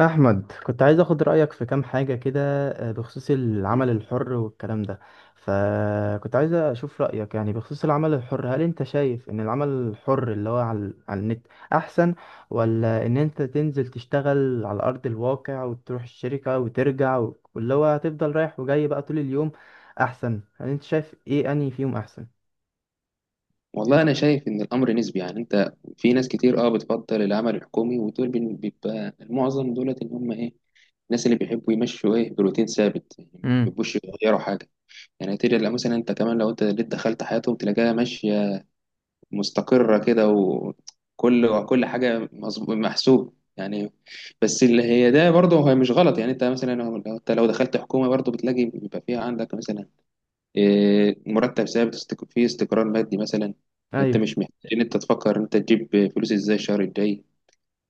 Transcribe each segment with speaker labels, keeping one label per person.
Speaker 1: أحمد، كنت عايز أخد رأيك في كام حاجة كده. بخصوص العمل الحر والكلام ده، فكنت عايز أشوف رأيك يعني بخصوص العمل الحر. هل أنت شايف إن العمل الحر اللي هو على النت أحسن، ولا إن أنت تنزل تشتغل على أرض الواقع وتروح الشركة وترجع واللي هو هتفضل رايح وجاي بقى طول اليوم أحسن؟ هل أنت شايف إيه أنهي فيهم أحسن؟
Speaker 2: والله انا شايف ان الامر نسبي. يعني انت في ناس كتير بتفضل العمل الحكومي، ودول بيبقى المعظم دولت ان هم ايه، الناس اللي بيحبوا يمشوا ايه بروتين ثابت، يعني ما
Speaker 1: امم.
Speaker 2: بيحبوش يغيروا حاجه. يعني تلاقي مثلا انت كمان لو انت اللي دخلت حياتهم تلاقيها ماشيه مستقره كده، وكل حاجه محسوب يعني. بس اللي هي ده برضه هي مش غلط، يعني انت مثلا لو انت لو دخلت حكومه برضه بتلاقي بيبقى فيها عندك مثلا إيه، مرتب ثابت، فيه استقرار مادي مثلا، انت مش محتاج ان انت تفكر انت تجيب فلوس ازاي الشهر الجاي.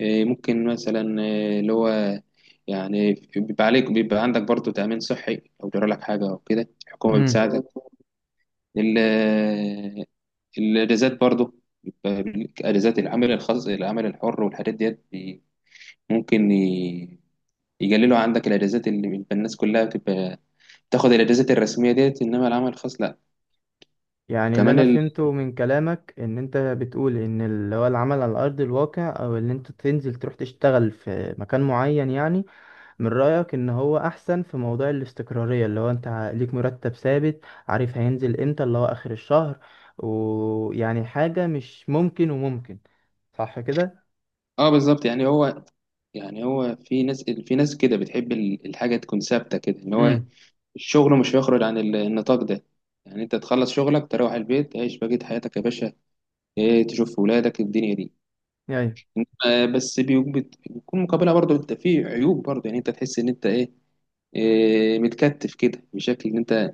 Speaker 2: إيه، ممكن مثلا إيه، اللي هو يعني بيبقى عليك بيبقى عندك برضه تأمين صحي، لو جرى لك حاجة أو كده الحكومة
Speaker 1: أيوه.
Speaker 2: بتساعدك. ال- الأجازات برضه، بيبقى ليك أجازات. العمل الخاص، العمل الحر والحاجات ديت ممكن يقللوا عندك الأجازات، اللي بيبقى الناس كلها بتبقى تاخد الأجازات الرسمية ديت، إنما العمل الخاص لأ.
Speaker 1: يعني اللي
Speaker 2: كمان
Speaker 1: انا
Speaker 2: ال...
Speaker 1: فهمته من كلامك ان انت بتقول ان اللي هو العمل على ارض الواقع، او اللي انت تنزل تروح تشتغل في مكان معين، يعني من رأيك ان هو احسن في موضوع الاستقرارية، اللي هو انت ليك مرتب ثابت، عارف هينزل امتى، اللي هو اخر الشهر، ويعني حاجة مش ممكن وممكن، صح كده؟
Speaker 2: اه بالظبط، يعني هو في ناس كده بتحب الحاجة تكون ثابتة كده، ان هو
Speaker 1: امم.
Speaker 2: الشغل مش هيخرج عن النطاق ده. يعني انت تخلص شغلك تروح البيت تعيش بقية حياتك يا باشا، ايه تشوف ولادك الدنيا دي.
Speaker 1: يعني
Speaker 2: آه بس بيكون مقابلها برضه انت في عيوب برضه، يعني انت تحس ان انت ايه، إيه متكتف كده بشكل ان انت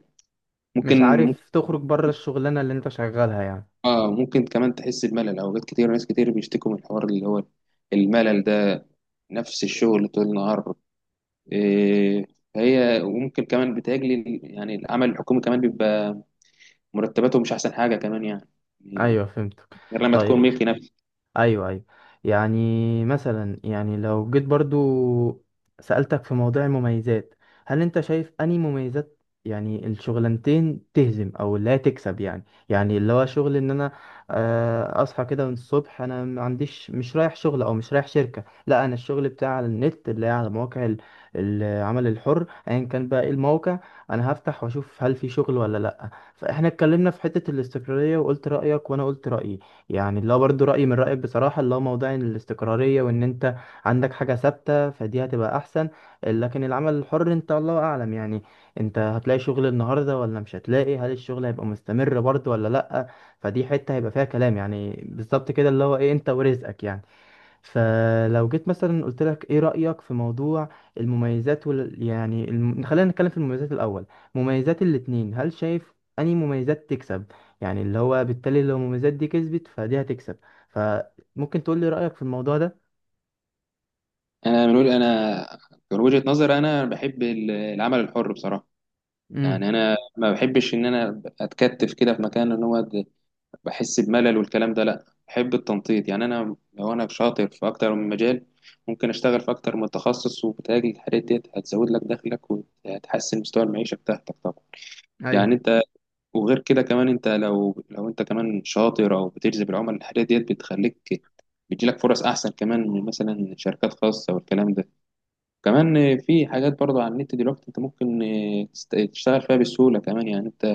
Speaker 1: مش
Speaker 2: ممكن، ممكن
Speaker 1: عارف تخرج بره الشغلانة اللي انت شغالها يعني.
Speaker 2: اه ممكن كمان تحس بملل اوقات كتير. ناس كتير بيشتكوا من الحوار اللي هو الملل ده، نفس الشغل طول النهار. إيه، هي وممكن كمان بتهاجلي يعني العمل الحكومي كمان بيبقى مرتباته مش احسن حاجه كمان يعني، إيه،
Speaker 1: ايوه، فهمتك.
Speaker 2: غير لما تكون
Speaker 1: طيب.
Speaker 2: ملكي نفسي.
Speaker 1: ايوه، ايوه. يعني مثلا، يعني لو جيت برضو سألتك في موضوع المميزات، هل انت شايف انهي مميزات يعني الشغلانتين تهزم، او اللي هي تكسب؟ يعني اللي هو شغل ان انا اصحى كده من الصبح، انا ما عنديش، مش رايح شغل او مش رايح شركة. لا، انا الشغل بتاعي على النت، اللي هي على مواقع العمل الحر، ايا كان بقى ايه الموقع، انا هفتح واشوف هل في شغل ولا لا. فاحنا اتكلمنا في حتة الاستقرارية وقلت رأيك وانا قلت رأيي. يعني اللي هو برضه رأيي من رأيك بصراحة، اللي هو موضوع الاستقرارية، وإن أنت عندك حاجة ثابتة، فدي هتبقى أحسن. لكن العمل الحر، أنت الله أعلم يعني، أنت هتلاقي شغل النهاردة ولا مش هتلاقي، هل الشغل هيبقى مستمر برضه ولا لأ. فدي حتة هيبقى فيها كلام يعني، بالظبط كده اللي هو إيه، أنت ورزقك يعني. فلو جيت مثلا قلت لك ايه رأيك في موضوع المميزات يعني خلينا نتكلم في المميزات الأول. مميزات الاتنين، هل شايف أنهي مميزات تكسب؟ يعني اللي هو بالتالي لو المميزات دي كسبت فدي هتكسب. فممكن تقول لي رأيك في الموضوع ده؟
Speaker 2: انا من وجهه نظري انا بحب العمل الحر بصراحه.
Speaker 1: امم.
Speaker 2: يعني انا ما بحبش ان انا اتكتف كده في مكان ان هو بحس بملل والكلام ده، لا بحب التنطيط. يعني انا لو انا شاطر في اكتر من مجال ممكن اشتغل في اكتر من تخصص، وبتهاجل الحاجات ديت هتزود لك دخلك وهتحسن مستوى المعيشه بتاعتك طبعا.
Speaker 1: ايوه،
Speaker 2: يعني انت وغير كده كمان، انت لو انت كمان شاطر او بتجذب العملاء، الحاجات ديت بتخليك بتجيلك فرص احسن كمان من مثلا شركات خاصه والكلام ده. كمان في حاجات برضو على النت دلوقتي انت ممكن تشتغل فيها بسهوله كمان. يعني انت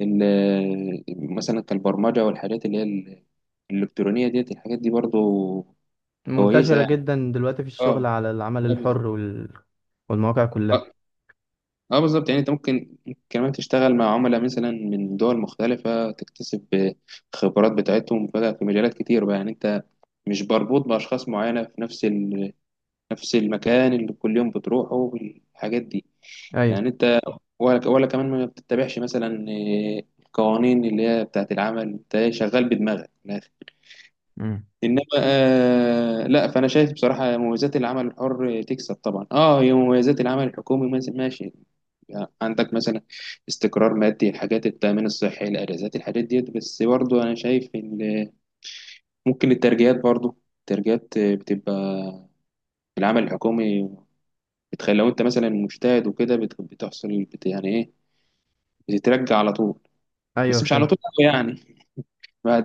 Speaker 2: ال- مثلا كالبرمجه والحاجات اللي هي الالكترونيه ديت، الحاجات دي برضو كويسه
Speaker 1: منتشرة
Speaker 2: يعني.
Speaker 1: جدا دلوقتي في الشغل على العمل الحر والمواقع
Speaker 2: اه
Speaker 1: كلها.
Speaker 2: اه بالظبط، يعني انت ممكن كمان تشتغل مع عملاء مثلا من دول مختلفة، تكتسب خبرات بتاعتهم بقى في مجالات كتير بقى. يعني انت مش مربوط بأشخاص معينة في نفس ال... نفس المكان اللي كل يوم بتروحه والحاجات دي.
Speaker 1: ايوه.
Speaker 2: يعني انت ولا كمان ما بتتبعش مثلا القوانين اللي هي بتاعت العمل، انت شغال بدماغك من الآخر.
Speaker 1: امم.
Speaker 2: انما آه لا، فانا شايف بصراحه مميزات العمل الحر تكسب طبعا. اه هي مميزات العمل الحكومي ماشي، يعني عندك مثلا استقرار مادي، الحاجات، التأمين الصحي، الأجازات، الحاجات ديت، بس برضو أنا شايف إن ممكن الترجيات، برضو الترجيات بتبقى في العمل الحكومي بتخلي لو أنت مثلا مجتهد وكده بتحصل بت يعني إيه، بتترجى على طول،
Speaker 1: ايوه،
Speaker 2: بس مش على
Speaker 1: فهمت.
Speaker 2: طول أوي يعني، بعد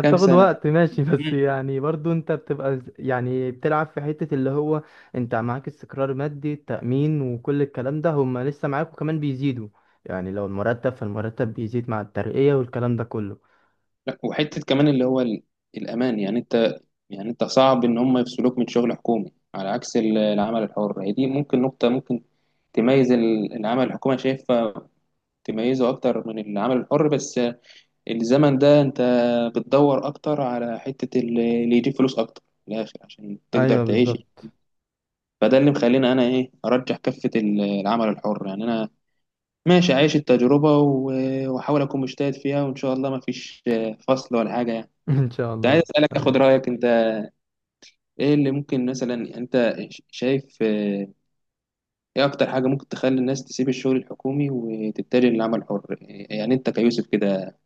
Speaker 2: كام سنة.
Speaker 1: وقت، ماشي. بس
Speaker 2: مم.
Speaker 1: يعني برضو انت بتبقى يعني بتلعب في حتة اللي هو انت معاك استقرار مادي، تأمين، وكل الكلام ده هما لسه معاك، وكمان بيزيدوا. يعني لو المرتب، فالمرتب بيزيد مع الترقية والكلام ده كله.
Speaker 2: لا، وحتة كمان اللي هو الأمان، يعني أنت أنت صعب إن هم يفصلوك من شغل حكومي، على عكس العمل الحر. هي دي ممكن نقطة ممكن تميز العمل الحكومي، شايفها تميزه اكتر من العمل الحر. بس الزمن ده انت بتدور اكتر على حتة اللي يجيب فلوس اكتر من الاخر عشان تقدر
Speaker 1: ايوه،
Speaker 2: تعيش.
Speaker 1: بالظبط.
Speaker 2: فده اللي مخليني انا ايه ارجح كفة العمل الحر، يعني انا ماشي عايش التجربة واحاول اكون مجتهد فيها، وان شاء الله ما فيش فصل ولا حاجة يعني.
Speaker 1: ان شاء
Speaker 2: كنت
Speaker 1: الله،
Speaker 2: عايز
Speaker 1: ان
Speaker 2: اسالك
Speaker 1: شاء الله.
Speaker 2: اخد رايك انت، ايه اللي ممكن مثلا انت شايف آه، ايه اكتر حاجة ممكن تخلي الناس تسيب الشغل الحكومي وتتجه للعمل الحر، يعني انت كيوسف كده.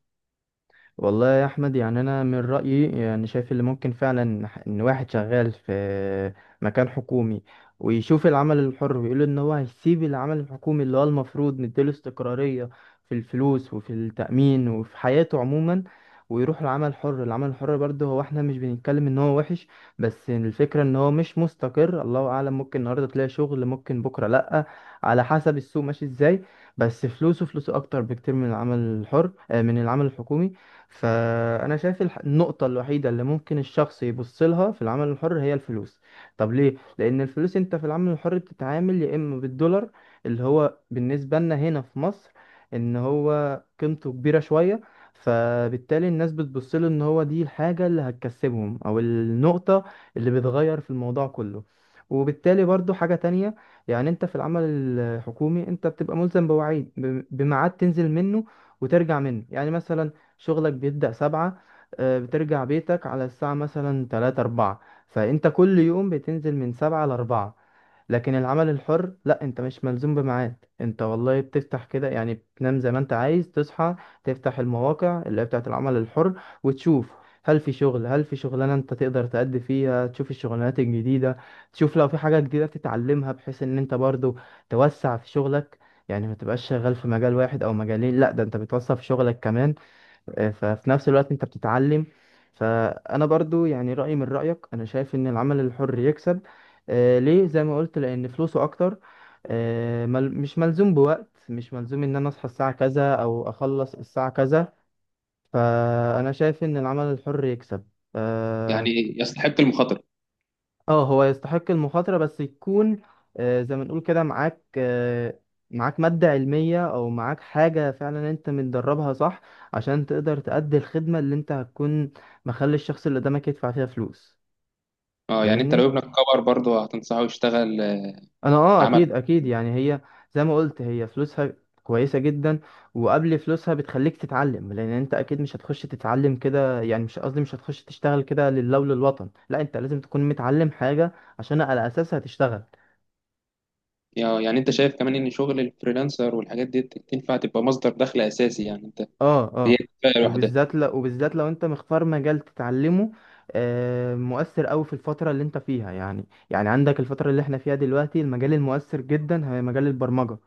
Speaker 1: والله يا احمد، يعني انا من رايي يعني شايف اللي ممكن فعلا ان واحد شغال في مكان حكومي، ويشوف العمل الحر، ويقول ان هو هيسيب العمل الحكومي اللي هو المفروض مديله استقراريه في الفلوس وفي التامين وفي حياته عموما، ويروح العمل الحر. العمل الحر برضه، هو احنا مش بنتكلم ان هو وحش، بس الفكره ان هو مش مستقر. الله اعلم، ممكن النهارده تلاقي شغل، ممكن بكره لا، على حسب السوق ماشي ازاي. بس فلوسه، فلوسه اكتر بكتير من العمل الحر، من العمل الحكومي. فأنا شايف النقطة الوحيدة اللي ممكن الشخص يبص لها في العمل الحر هي الفلوس. طب ليه؟ لأن الفلوس، أنت في العمل الحر بتتعامل يا إما بالدولار، اللي هو بالنسبة لنا هنا في مصر إن هو قيمته كبيرة شوية. فبالتالي الناس بتبص له، إن هو دي الحاجة اللي هتكسبهم، أو النقطة اللي بتغير في الموضوع كله. وبالتالي برضو حاجة تانية، يعني انت في العمل الحكومي انت بتبقى ملزم بوعيد، بميعاد تنزل منه وترجع منه. يعني مثلا شغلك بيبدأ سبعة، بترجع بيتك على الساعة مثلا تلاتة أربعة. فأنت كل يوم بتنزل من سبعة لأربعة. لكن العمل الحر لا، انت مش ملزوم بميعاد، انت والله بتفتح كده يعني، بتنام زي ما انت عايز، تصحى تفتح المواقع اللي هي بتاعت العمل الحر، وتشوف هل في شغل، هل في شغلانة انت تقدر تأدي فيها، تشوف الشغلانات الجديدة، تشوف لو في حاجة جديدة تتعلمها، بحيث ان انت برضو توسع في شغلك. يعني ما تبقاش شغال في مجال واحد او مجالين، لا، ده انت بتوسع في شغلك كمان، ففي نفس الوقت انت بتتعلم. فانا برضو يعني رأيي من رأيك، انا شايف ان العمل الحر يكسب. ليه؟ زي ما قلت، لان فلوسه اكتر، آه مل مش ملزوم بوقت، مش ملزوم ان انا اصحى الساعة كذا او اخلص الساعة كذا. فانا شايف ان العمل الحر يكسب. آه
Speaker 2: يعني يستحق المخاطرة.
Speaker 1: اه، هو يستحق المخاطرة، بس يكون زي ما نقول كده معاك، معاك مادة علمية أو معاك حاجة فعلا أنت متدربها صح، عشان تقدر تأدي الخدمة اللي أنت هتكون مخلي الشخص اللي قدامك يدفع فيها فلوس.
Speaker 2: اه، يعني انت لو
Speaker 1: فاهمني؟
Speaker 2: ابنك كبر برضه هتنصحه يشتغل آه،
Speaker 1: أنا،
Speaker 2: عمل.
Speaker 1: أكيد أكيد، يعني هي زي ما قلت، هي فلوسها كويسة جدا. وقبل فلوسها، بتخليك تتعلم، لأن أنت أكيد مش هتخش تتعلم كده، يعني مش قصدي، مش هتخش تشتغل كده لله وللوطن. لا، أنت لازم تكون متعلم حاجة عشان على أساسها تشتغل.
Speaker 2: آه، يعني انت شايف كمان ان شغل الفريلانسر والحاجات دي تنفع تبقى مصدر دخل اساسي، يعني انت
Speaker 1: اه،
Speaker 2: هي
Speaker 1: اه.
Speaker 2: كفايه لوحدها.
Speaker 1: وبالذات لو انت مختار مجال تتعلمه مؤثر قوي في الفترة اللي انت فيها. يعني عندك الفترة اللي احنا فيها دلوقتي، المجال المؤثر جدا هي مجال البرمجة،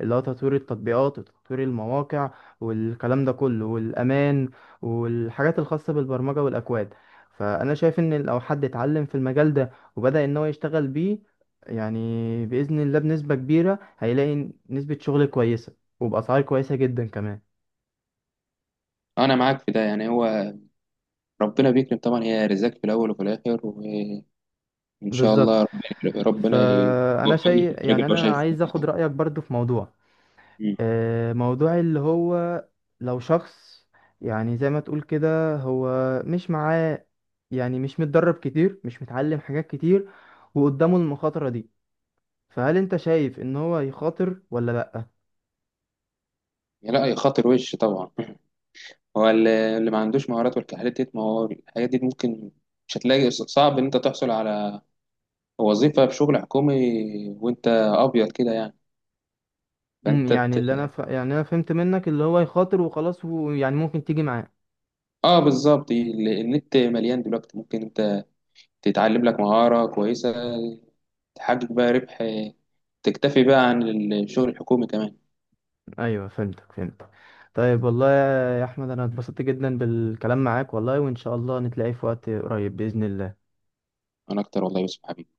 Speaker 1: اللي هو تطوير التطبيقات وتطوير المواقع والكلام ده كله، والأمان والحاجات الخاصة بالبرمجة والأكواد. فأنا شايف إن لو حد اتعلم في المجال ده وبدأ إن هو يشتغل بيه، يعني بإذن الله بنسبة كبيرة هيلاقي نسبة شغل كويسة، وبأسعار كويسة جدا كمان.
Speaker 2: انا معاك في ده، يعني هو ربنا بيكرم طبعا، هي رزاق في الاول وفي الاخر، وان شاء
Speaker 1: بالظبط.
Speaker 2: الله ربنا
Speaker 1: فانا
Speaker 2: يوفقني في
Speaker 1: شيء
Speaker 2: الطريق
Speaker 1: يعني
Speaker 2: اللي هو
Speaker 1: انا
Speaker 2: شايفه.
Speaker 1: عايز اخد رايك برضو في موضوع
Speaker 2: مم.
Speaker 1: آه، موضوع اللي هو لو شخص، يعني زي ما تقول كده، هو مش معاه، يعني مش متدرب كتير، مش متعلم حاجات كتير، وقدامه المخاطره دي، فهل انت شايف ان هو يخاطر ولا لا؟
Speaker 2: لا يا خاطر وش طبعا هو اللي ما عندوش مهارات والحاجات دي، ما هو الحاجات دي ممكن، مش هتلاقي صعب ان انت تحصل على وظيفه في شغل حكومي وانت ابيض كده يعني، فانت
Speaker 1: يعني اللي انا يعني انا فهمت منك اللي هو يخاطر وخلاص، ويعني ممكن تيجي معاه.
Speaker 2: اه بالظبط. النت مليان دلوقتي، ممكن انت تتعلم لك مهارة كويسة، تحقق بقى ربح، تكتفي بقى عن الشغل الحكومي كمان.
Speaker 1: ايوه، فهمتك، فهمتك. طيب. والله يا احمد، انا اتبسطت جدا بالكلام معاك والله، وان شاء الله نتلاقي في وقت قريب باذن الله.
Speaker 2: انا اكتر والله يا يوسف حبيبي.